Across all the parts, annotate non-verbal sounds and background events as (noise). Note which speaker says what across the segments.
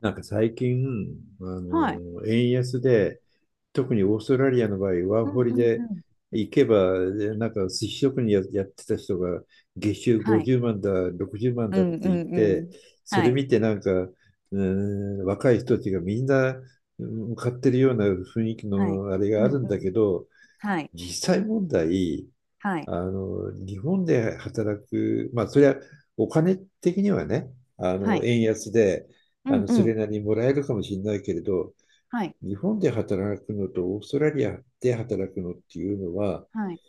Speaker 1: なんか最近、
Speaker 2: はい。
Speaker 1: 円安で、特にオーストラリアの場合、ワー
Speaker 2: う
Speaker 1: ホ
Speaker 2: ん
Speaker 1: リ
Speaker 2: うんう
Speaker 1: で
Speaker 2: ん。
Speaker 1: 行けば、でなんか寿司職人やってた人が、月収
Speaker 2: はい。
Speaker 1: 50万だ、60万
Speaker 2: う
Speaker 1: だっ
Speaker 2: んう
Speaker 1: て言っ
Speaker 2: んう
Speaker 1: て、
Speaker 2: ん。
Speaker 1: そ
Speaker 2: は
Speaker 1: れ
Speaker 2: い。
Speaker 1: 見てなんか、ー若い人たちがみんなう買ってるような雰囲気
Speaker 2: はい。
Speaker 1: のあれ
Speaker 2: う
Speaker 1: があ
Speaker 2: ん
Speaker 1: る
Speaker 2: う
Speaker 1: んだけ
Speaker 2: ん。
Speaker 1: ど、
Speaker 2: はい。
Speaker 1: 実際問題、
Speaker 2: はい。
Speaker 1: 日本で働く、まあ、それはお金的にはね、
Speaker 2: はい。
Speaker 1: 円安で、
Speaker 2: うんう
Speaker 1: それ
Speaker 2: ん。
Speaker 1: なりにもらえるかもしれないけれど、
Speaker 2: はい。
Speaker 1: 日本で働くのとオーストラリアで働くのっていうのは、
Speaker 2: はい。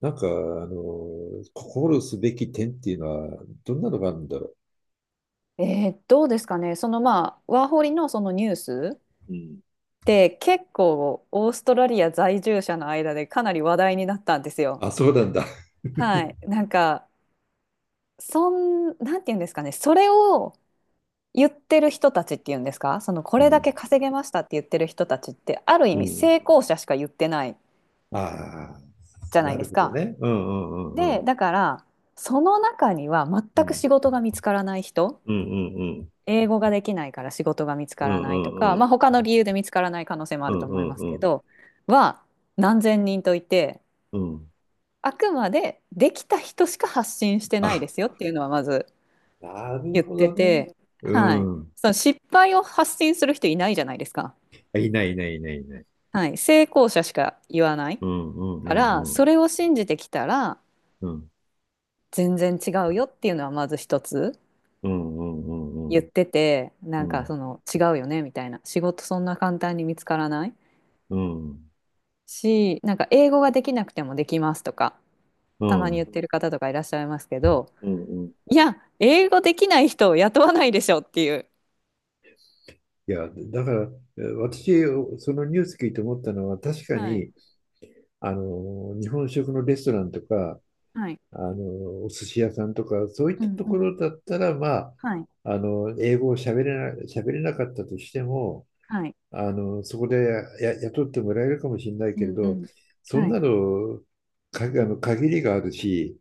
Speaker 1: 心すべき点っていうのは、どんなのがあるんだろ
Speaker 2: どうですかね。そのまあ、ワーホリのそのニュース
Speaker 1: う。うん。
Speaker 2: って結構オーストラリア在住者の間でかなり話題になったんですよ。
Speaker 1: あ、そうなんだ。
Speaker 2: はい。なんか、なんて言うんですかね。それを言ってる人たちっていうんですか。そのこ
Speaker 1: う
Speaker 2: れだけ
Speaker 1: ん。
Speaker 2: 稼げましたって言ってる人たちってある意
Speaker 1: う
Speaker 2: 味成
Speaker 1: ん。
Speaker 2: 功者しか言ってない
Speaker 1: ああ、
Speaker 2: じゃない
Speaker 1: な
Speaker 2: で
Speaker 1: る
Speaker 2: す
Speaker 1: ほど
Speaker 2: か。
Speaker 1: ね。うんうんうんう
Speaker 2: で、
Speaker 1: ん。
Speaker 2: だから、その中には
Speaker 1: う
Speaker 2: 全く
Speaker 1: ん
Speaker 2: 仕事が見つからない人、
Speaker 1: うんうんうん。
Speaker 2: 英語ができないから仕事が見つか
Speaker 1: うん
Speaker 2: ら
Speaker 1: う
Speaker 2: ないと
Speaker 1: ん
Speaker 2: か、
Speaker 1: う
Speaker 2: まあ
Speaker 1: ん。
Speaker 2: 他の理由で見つからない可能性もあ
Speaker 1: う
Speaker 2: ると思いま
Speaker 1: ん
Speaker 2: す
Speaker 1: う
Speaker 2: け
Speaker 1: ん
Speaker 2: ど、は何千人といて、
Speaker 1: うん。うん。
Speaker 2: あくまでできた人しか発信してないで
Speaker 1: あ、
Speaker 2: すよっていうのはまず
Speaker 1: なる
Speaker 2: 言っ
Speaker 1: ほ
Speaker 2: て
Speaker 1: どね。
Speaker 2: て、
Speaker 1: う
Speaker 2: はい。
Speaker 1: ん。
Speaker 2: その失敗を発信する人いないじゃないですか。
Speaker 1: あいない、いない、いない、いない。
Speaker 2: はい。成功者しか言わない
Speaker 1: うん、うん、う
Speaker 2: から、
Speaker 1: ん、う
Speaker 2: そ
Speaker 1: ん。
Speaker 2: れを信じてきたら
Speaker 1: うん、
Speaker 2: 全然違うよっていうのはまず一つ。
Speaker 1: うん、うん、う
Speaker 2: 言っ
Speaker 1: ん。
Speaker 2: てて
Speaker 1: う
Speaker 2: なんか
Speaker 1: ん、
Speaker 2: その違うよねみたいな、仕事そんな簡単に見つからない
Speaker 1: うん、
Speaker 2: し、なんか英語ができなくてもできますとか
Speaker 1: う
Speaker 2: たまに言っ
Speaker 1: ん、
Speaker 2: てる方とかいらっしゃいますけど、
Speaker 1: うん。うん。
Speaker 2: いや英語できない人を雇わないでしょっていう。
Speaker 1: いや、だから、私、そのニュース聞いて思ったのは、確か
Speaker 2: はい
Speaker 1: に、日本食のレストランとか、
Speaker 2: はい、
Speaker 1: お寿司屋さんとか、そういっ
Speaker 2: う
Speaker 1: た
Speaker 2: ん
Speaker 1: と
Speaker 2: う
Speaker 1: こ
Speaker 2: ん、
Speaker 1: ろだったら、まあ、
Speaker 2: はい
Speaker 1: 英語を喋れなかったとしても、
Speaker 2: はい、
Speaker 1: そこでや雇ってもらえるかもしれない
Speaker 2: う
Speaker 1: けれ
Speaker 2: んう
Speaker 1: ど、
Speaker 2: ん、
Speaker 1: そん
Speaker 2: はい
Speaker 1: なの、か、あの、限りがあるし、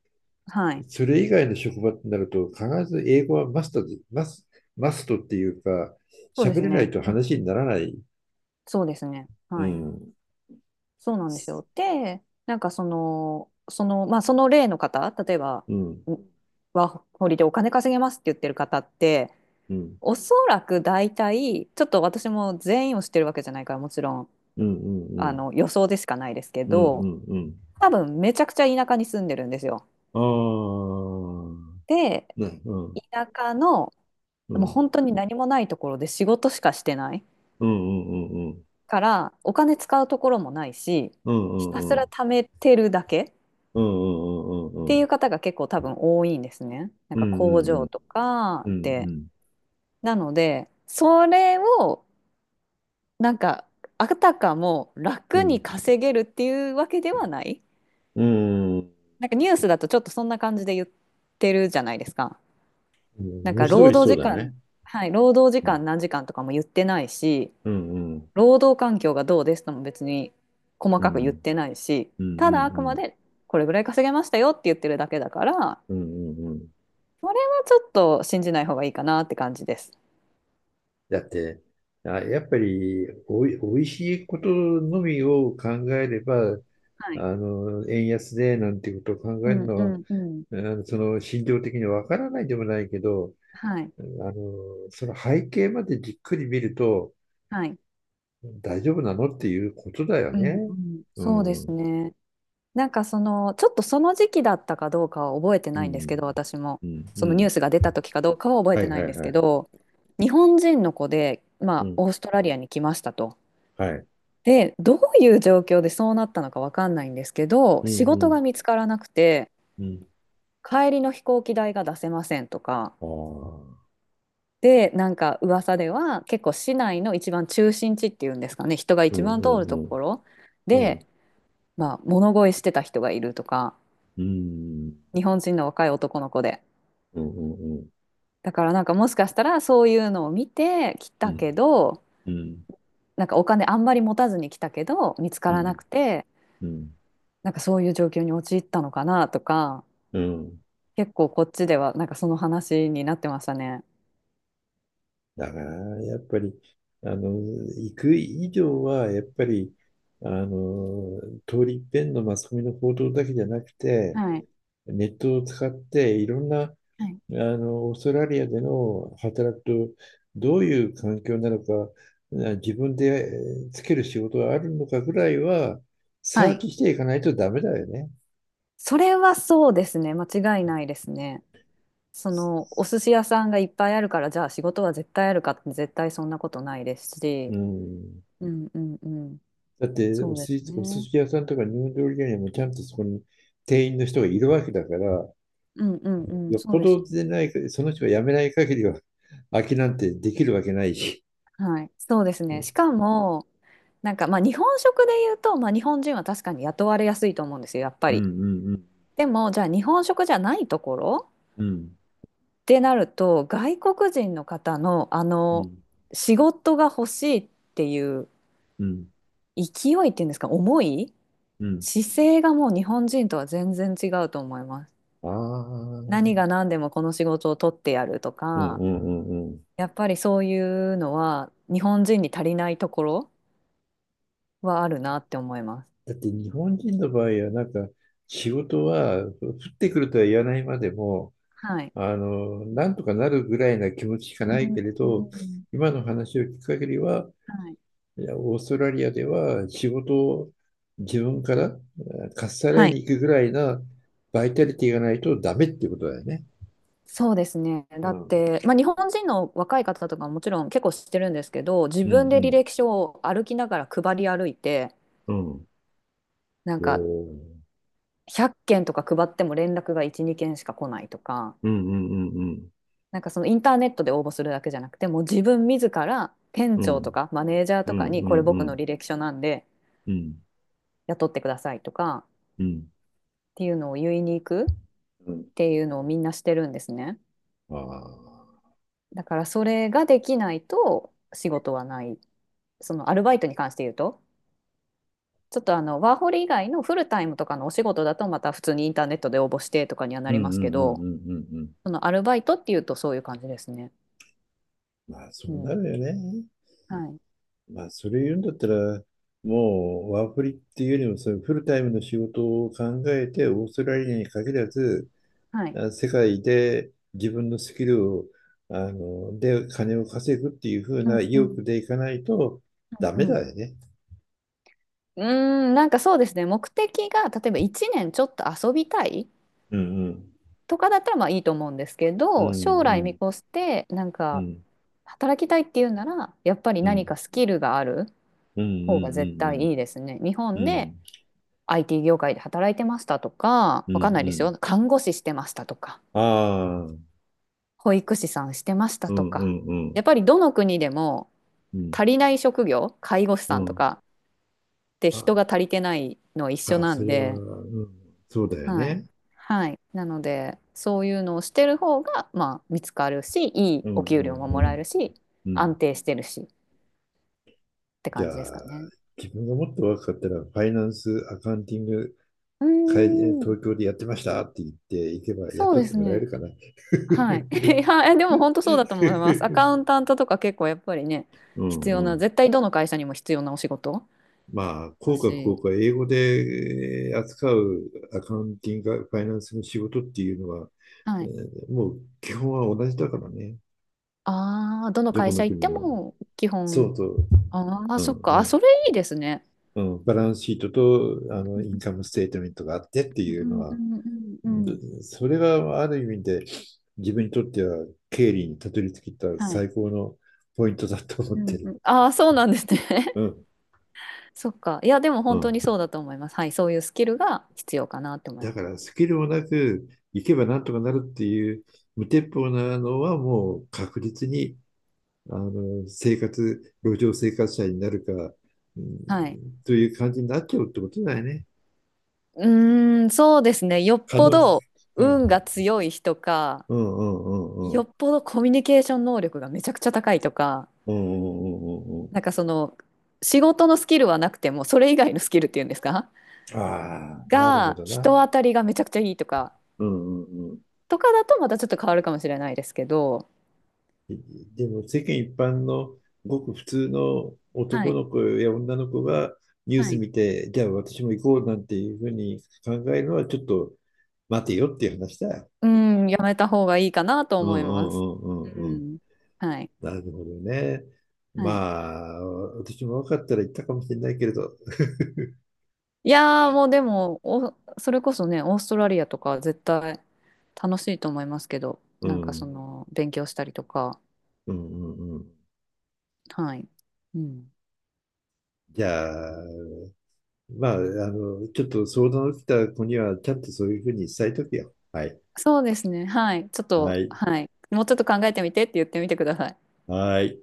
Speaker 2: はい、
Speaker 1: それ以外の職場ってなると、必ず英語はマストで、マストっていうか、
Speaker 2: そうで
Speaker 1: 喋
Speaker 2: す
Speaker 1: れない
Speaker 2: ね。
Speaker 1: と
Speaker 2: うん
Speaker 1: 話
Speaker 2: う
Speaker 1: に
Speaker 2: ん、
Speaker 1: ならない。
Speaker 2: そうですね。
Speaker 1: う
Speaker 2: はい。
Speaker 1: ん。
Speaker 2: そうなんですよ。で、なんかその、まあその例の方、例えば、
Speaker 1: うん。
Speaker 2: んワーホリでお金稼げますって言ってる方って、
Speaker 1: うん。
Speaker 2: おそらく大体、ちょっと私も全員を知ってるわけじゃないから、もちろん、
Speaker 1: うん。うん。うん。
Speaker 2: 予想でしかないですけ
Speaker 1: うん。う
Speaker 2: ど、
Speaker 1: ん。うん。
Speaker 2: 多分めちゃくちゃ田舎に住んでるんですよ。
Speaker 1: ああ。
Speaker 2: で、
Speaker 1: ね。うん。
Speaker 2: 田舎の、
Speaker 1: う
Speaker 2: もう
Speaker 1: ん。
Speaker 2: 本当に何もないところで仕事しかしてない
Speaker 1: うん。うん。
Speaker 2: から、お金使うところもないし、
Speaker 1: うん。
Speaker 2: ひた
Speaker 1: う
Speaker 2: す
Speaker 1: ん。う
Speaker 2: ら
Speaker 1: ん。
Speaker 2: 貯めてるだけっ
Speaker 1: うん。う
Speaker 2: てい
Speaker 1: ん。
Speaker 2: う方が結構多分多いんですね。なん
Speaker 1: う
Speaker 2: か
Speaker 1: ん。
Speaker 2: 工
Speaker 1: うん。う
Speaker 2: 場
Speaker 1: ん。
Speaker 2: とか
Speaker 1: うん。うん。う
Speaker 2: で。
Speaker 1: ん。
Speaker 2: なので、それをなんかあたかも
Speaker 1: う
Speaker 2: 楽に
Speaker 1: ん。
Speaker 2: 稼げるっていうわけではない、
Speaker 1: うん。うん。
Speaker 2: なんかニュースだとちょっとそんな感じで言ってるじゃないですか。
Speaker 1: う
Speaker 2: な
Speaker 1: ん、
Speaker 2: ん
Speaker 1: 文
Speaker 2: か
Speaker 1: 字通
Speaker 2: 労
Speaker 1: り
Speaker 2: 働
Speaker 1: そう
Speaker 2: 時
Speaker 1: だね。
Speaker 2: 間、はい、労働時
Speaker 1: うん、
Speaker 2: 間何時間とかも言ってないし、
Speaker 1: うん、
Speaker 2: 労働環境がどうですとも別に細
Speaker 1: う
Speaker 2: かく言っ
Speaker 1: ん、
Speaker 2: てないし、
Speaker 1: うん、うん、
Speaker 2: ただあく
Speaker 1: う
Speaker 2: ま
Speaker 1: ん、
Speaker 2: でこれぐらい稼げましたよって言ってるだけだから、
Speaker 1: うん、うん、うん。
Speaker 2: それはちょっと信じない方がいいかなって感じです。
Speaker 1: だって、あ、やっぱりおいしいことのみを考えれば、
Speaker 2: はい。
Speaker 1: 円安でなんていうことを
Speaker 2: う
Speaker 1: 考える
Speaker 2: ん
Speaker 1: の
Speaker 2: う
Speaker 1: は、
Speaker 2: んうん。
Speaker 1: その心情的にわからないでもないけど、
Speaker 2: はい。
Speaker 1: あその背景までじっくり見ると、
Speaker 2: はい。
Speaker 1: 大丈夫なのっていうことだよ
Speaker 2: うんう
Speaker 1: ね。
Speaker 2: ん。
Speaker 1: う
Speaker 2: そうで
Speaker 1: ん、う
Speaker 2: す
Speaker 1: ん、
Speaker 2: ね。なんかその、ちょっとその時期だったかどうかは覚えて
Speaker 1: う
Speaker 2: ないんですけ
Speaker 1: ん、
Speaker 2: ど、私も。
Speaker 1: う
Speaker 2: そのニュ
Speaker 1: ん。
Speaker 2: ースが出た時かどうかは覚え
Speaker 1: は
Speaker 2: て
Speaker 1: い
Speaker 2: な
Speaker 1: は
Speaker 2: いん
Speaker 1: い
Speaker 2: です
Speaker 1: は
Speaker 2: け
Speaker 1: い。
Speaker 2: ど、日本人の子で、
Speaker 1: う
Speaker 2: まあ、
Speaker 1: ん、
Speaker 2: オーストラリアに来ましたと。
Speaker 1: はい。
Speaker 2: で、どういう状況でそうなったのかわかんないんですけど、
Speaker 1: うん、
Speaker 2: 仕
Speaker 1: う
Speaker 2: 事が見
Speaker 1: ん、
Speaker 2: つからなくて、
Speaker 1: うん。
Speaker 2: 帰りの飛行機代が出せませんとか。
Speaker 1: ああ、うん
Speaker 2: で、なんか噂では結構市内の一番中心地っていうんですかね、人が
Speaker 1: う
Speaker 2: 一
Speaker 1: ん
Speaker 2: 番通ると
Speaker 1: うん、
Speaker 2: ころ
Speaker 1: うん、
Speaker 2: で、まあ、物乞いしてた人がいるとか、
Speaker 1: うん、
Speaker 2: 日本人の若い男の子で。
Speaker 1: うん、うん、
Speaker 2: だからなんかもしかしたらそういうのを見て来
Speaker 1: う
Speaker 2: た
Speaker 1: ん、
Speaker 2: けど、
Speaker 1: うん、
Speaker 2: なんかお金あんまり持たずに来たけど見つか
Speaker 1: う
Speaker 2: らな
Speaker 1: ん、
Speaker 2: くて、
Speaker 1: うん、
Speaker 2: なんかそういう状況に陥ったのかなとか、
Speaker 1: うん。
Speaker 2: 結構こっちではなんかその話になってましたね。
Speaker 1: だから、やっぱり、行く以上は、やっぱり、あの、通り一遍のマスコミの報道だけじゃなくて、
Speaker 2: はい、
Speaker 1: ネットを使って、いろんな、
Speaker 2: はい
Speaker 1: オーストラリアでの働くと、どういう環境なのか、自分でつける仕事があるのかぐらいは、
Speaker 2: は
Speaker 1: サー
Speaker 2: い、
Speaker 1: チしていかないとダメだよね。
Speaker 2: それはそうですね、間違いないですね。そのお寿司屋さんがいっぱいあるからじゃあ仕事は絶対あるかって、絶対そんなことないですし、
Speaker 1: うん。
Speaker 2: うんうんうん、
Speaker 1: だって、
Speaker 2: そうです
Speaker 1: お寿
Speaker 2: ね。
Speaker 1: 司屋さんとか日本料理屋にもちゃんとそこに店員の人がいるわけだから、
Speaker 2: うんうんうん、
Speaker 1: よっ
Speaker 2: そ
Speaker 1: ぽ
Speaker 2: うです
Speaker 1: ど
Speaker 2: ね。
Speaker 1: でないか、その人が辞めない限りは、空きなんてできるわけないし。
Speaker 2: はい、そうです
Speaker 1: う
Speaker 2: ね。し
Speaker 1: ん
Speaker 2: かも、なんかまあ日本食で言うと、まあ、日本人は確かに雇われやすいと思うんですよ、やっぱ
Speaker 1: うん
Speaker 2: り。
Speaker 1: うん
Speaker 2: でも、じゃあ日本食じゃないところ
Speaker 1: うん
Speaker 2: ってなると、外国人の方の仕事が欲しいっていう
Speaker 1: うん
Speaker 2: 勢いっていうんですか、
Speaker 1: うん。
Speaker 2: 姿勢がもう日本人とは全然違うと思います。
Speaker 1: ああー、
Speaker 2: 何が何でもこの仕事を取ってやると
Speaker 1: うん
Speaker 2: か、
Speaker 1: うんうんうん。
Speaker 2: やっぱりそういうのは日本人に足りないところはあるなって思います。
Speaker 1: だって日本人の場合は、仕事は降ってくるとは言わないまでも、
Speaker 2: はい、
Speaker 1: なんとかなるぐらいな気持ちしか
Speaker 2: う
Speaker 1: な
Speaker 2: んう
Speaker 1: いけ
Speaker 2: ん
Speaker 1: れど、
Speaker 2: うん、
Speaker 1: 今の話を聞く限りは、
Speaker 2: はい。
Speaker 1: いや、オーストラリアでは仕事を自分からかっさら
Speaker 2: は
Speaker 1: いに
Speaker 2: い。
Speaker 1: 行くぐらいなバイタリティがないとダメってことだよね。
Speaker 2: そうですね。だ
Speaker 1: う
Speaker 2: っ
Speaker 1: ん。
Speaker 2: て、まあ、日本人の若い方とかももちろん結構知ってるんですけど、自
Speaker 1: うんう
Speaker 2: 分で履
Speaker 1: ん
Speaker 2: 歴書を歩きながら配り歩いて、
Speaker 1: うん。うん。
Speaker 2: なん
Speaker 1: お
Speaker 2: か
Speaker 1: ー。
Speaker 2: 100件とか配っても連絡が1、2件しか来ないとか、
Speaker 1: うんうんうんうん。
Speaker 2: なんかそのインターネットで応募するだけじゃなくて、もう自分自ら店
Speaker 1: う
Speaker 2: 長と
Speaker 1: ん
Speaker 2: かマネージャー
Speaker 1: う
Speaker 2: とか
Speaker 1: ん
Speaker 2: に、
Speaker 1: う
Speaker 2: こ
Speaker 1: ん
Speaker 2: れ
Speaker 1: う
Speaker 2: 僕の
Speaker 1: ん
Speaker 2: 履歴書なんで
Speaker 1: うん
Speaker 2: 雇ってくださいとかっ
Speaker 1: うん。
Speaker 2: ていうのを言いに行くっ
Speaker 1: うん。
Speaker 2: ていうのをみんなしてるんですね。
Speaker 1: ああ。
Speaker 2: だからそれができないと仕事はない。そのアルバイトに関して言うと、ちょっとワーホリ以外のフルタイムとかのお仕事だとまた普通にインターネットで応募してとかにはな
Speaker 1: うんう
Speaker 2: り
Speaker 1: ん
Speaker 2: ま
Speaker 1: うん
Speaker 2: すけ
Speaker 1: う
Speaker 2: ど、
Speaker 1: んうんうん。
Speaker 2: そのアルバイトっていうとそういう感じですね。
Speaker 1: まあ、そ
Speaker 2: う
Speaker 1: うな
Speaker 2: ん。
Speaker 1: るよね。
Speaker 2: はい。
Speaker 1: まあ、それ言うんだったら、もうワーフリっていうよりも、そういうフルタイムの仕事を考えて、オーストラリアに限らず、
Speaker 2: はい。
Speaker 1: 世界で自分のスキルを、で金を稼ぐっていう風
Speaker 2: うん
Speaker 1: な意
Speaker 2: うん。
Speaker 1: 欲でいかないとダ
Speaker 2: う
Speaker 1: メ
Speaker 2: んうん。
Speaker 1: だよね。
Speaker 2: うーん、なんかそうですね。目的が例えば1年ちょっと遊びたい
Speaker 1: うんうん。
Speaker 2: とかだったらまあいいと思うんですけ
Speaker 1: う
Speaker 2: ど、
Speaker 1: ん
Speaker 2: 将
Speaker 1: う
Speaker 2: 来見
Speaker 1: ん。
Speaker 2: 越してなん
Speaker 1: う
Speaker 2: か
Speaker 1: ん
Speaker 2: 働きたいっていうなら、やっぱり
Speaker 1: う
Speaker 2: 何
Speaker 1: ん。
Speaker 2: かスキルがある
Speaker 1: うんう
Speaker 2: 方が絶対
Speaker 1: ん
Speaker 2: いいですね。日
Speaker 1: うんう
Speaker 2: 本で
Speaker 1: ん。
Speaker 2: IT 業界で働いてましたとか、
Speaker 1: うんう
Speaker 2: わかん
Speaker 1: ん
Speaker 2: ないで
Speaker 1: う
Speaker 2: す
Speaker 1: ん。
Speaker 2: よ。看護師してましたとか、
Speaker 1: ああ。
Speaker 2: 保育士さんしてました
Speaker 1: う
Speaker 2: と
Speaker 1: んう
Speaker 2: か、
Speaker 1: んうん
Speaker 2: やっぱりどの国でも
Speaker 1: うん
Speaker 2: 足りない職業、介護士
Speaker 1: う
Speaker 2: さんと
Speaker 1: ん。
Speaker 2: かって人が
Speaker 1: あ
Speaker 2: 足りてないのは一緒
Speaker 1: あ、
Speaker 2: な
Speaker 1: そ
Speaker 2: ん
Speaker 1: れは、
Speaker 2: で、
Speaker 1: うん、そうだよ
Speaker 2: はい。
Speaker 1: ね。
Speaker 2: はい。なので、そういうのをしてる方が、まあ、見つかるし、いい
Speaker 1: うん
Speaker 2: お給
Speaker 1: う
Speaker 2: 料
Speaker 1: ん
Speaker 2: も
Speaker 1: う
Speaker 2: もらえ
Speaker 1: ん
Speaker 2: るし、
Speaker 1: うん。
Speaker 2: 安定してるしって
Speaker 1: じゃ
Speaker 2: 感じですか
Speaker 1: あ、
Speaker 2: ね。
Speaker 1: 自分がもっと若かったら、ファイナンス、アカウンティング、
Speaker 2: うー
Speaker 1: 会
Speaker 2: ん、
Speaker 1: 東京でやってましたって言っていけば
Speaker 2: そう
Speaker 1: 雇
Speaker 2: で
Speaker 1: って
Speaker 2: す
Speaker 1: もらえ
Speaker 2: ね。
Speaker 1: るかな。
Speaker 2: は
Speaker 1: (laughs)
Speaker 2: い。(laughs) いや、でも本当そうだと思います。アカウンタントとか結構やっぱりね、
Speaker 1: うん
Speaker 2: 必要
Speaker 1: うん。
Speaker 2: な、絶対どの会社にも必要なお仕事
Speaker 1: まあ、
Speaker 2: だ
Speaker 1: 効果不効
Speaker 2: し、
Speaker 1: 果、英語で扱うアカウンティング、ファイナンスの仕事っていうのは、
Speaker 2: はい。
Speaker 1: もう基本は同じだからね。
Speaker 2: ああ、どの
Speaker 1: どこ
Speaker 2: 会
Speaker 1: の
Speaker 2: 社行っ
Speaker 1: 国
Speaker 2: て
Speaker 1: も。
Speaker 2: も基
Speaker 1: そ
Speaker 2: 本、
Speaker 1: うそう。
Speaker 2: ああ、
Speaker 1: う
Speaker 2: そ
Speaker 1: ん
Speaker 2: っか、
Speaker 1: う
Speaker 2: あ、
Speaker 1: ん。
Speaker 2: それいいですね。
Speaker 1: うん、バランスシートと
Speaker 2: うん
Speaker 1: インカムステートメントがあってって
Speaker 2: うん
Speaker 1: いう
Speaker 2: う
Speaker 1: の
Speaker 2: んう
Speaker 1: は、
Speaker 2: んうんうん。
Speaker 1: でそれがある意味で自分にとっては経理にたどり着いた
Speaker 2: はい。
Speaker 1: 最高のポイントだと思っ
Speaker 2: う
Speaker 1: て
Speaker 2: んう
Speaker 1: る。
Speaker 2: ん、ああ、そうなんですね。
Speaker 1: う
Speaker 2: (laughs)
Speaker 1: ん、
Speaker 2: そっか。いや、でも
Speaker 1: う
Speaker 2: 本当
Speaker 1: ん。
Speaker 2: にそうだと思います。はい。そういうスキルが必要かなって思いま
Speaker 1: だ
Speaker 2: す。
Speaker 1: からスキルもなく行けばなんとかなるっていう無鉄砲なのはもう確実にあの生活、路上生活者になるか、う
Speaker 2: はい。
Speaker 1: ん、という感じになっちゃうってことだよね。
Speaker 2: うーん、そうですね。よっ
Speaker 1: 可
Speaker 2: ぽ
Speaker 1: 能性。
Speaker 2: ど
Speaker 1: う
Speaker 2: 運
Speaker 1: ん。
Speaker 2: が強い人か、
Speaker 1: うんうんうんう
Speaker 2: よ
Speaker 1: ん。
Speaker 2: っぽどコミュニケーション能力がめちゃくちゃ高いとか、
Speaker 1: うんうんうんうん
Speaker 2: なんかその仕事のスキルはなくてもそれ以外のスキルっていうんですか
Speaker 1: うん。ああ、なるほ
Speaker 2: が、
Speaker 1: どな。
Speaker 2: 人当たりがめちゃくちゃいいとか
Speaker 1: うんうんうん。
Speaker 2: とかだとまたちょっと変わるかもしれないですけど、
Speaker 1: でも世間一般のごく普通の
Speaker 2: は
Speaker 1: 男
Speaker 2: い、
Speaker 1: の子や女の子がニュー
Speaker 2: は
Speaker 1: ス
Speaker 2: い、
Speaker 1: 見て、じゃあ私も行こうなんていうふうに考えるのはちょっと待てよっていう話だよ。
Speaker 2: うん、やめた方がいいかなと
Speaker 1: うんう
Speaker 2: 思います。
Speaker 1: ん
Speaker 2: う
Speaker 1: うんうんうん。
Speaker 2: ん、はい、
Speaker 1: なるほどね。ま
Speaker 2: はい、
Speaker 1: あ、私も若かったら行ったかもしれないけれど、
Speaker 2: いやーもうでもおそれこそね、オーストラリアとか絶対楽しいと思いますけど、
Speaker 1: う
Speaker 2: なん
Speaker 1: ん、
Speaker 2: か
Speaker 1: う
Speaker 2: そ
Speaker 1: ん
Speaker 2: の勉強したりとか、
Speaker 1: うんうん。
Speaker 2: はい。うん、
Speaker 1: じゃあ、まあ、ちょっと相談を受けた子には、ちゃんとそういうふうに伝えとくよ。はい。
Speaker 2: そうですね。はい。ちょっ
Speaker 1: は
Speaker 2: と、
Speaker 1: い。
Speaker 2: はい。もうちょっと考えてみてって言ってみてください。
Speaker 1: はい。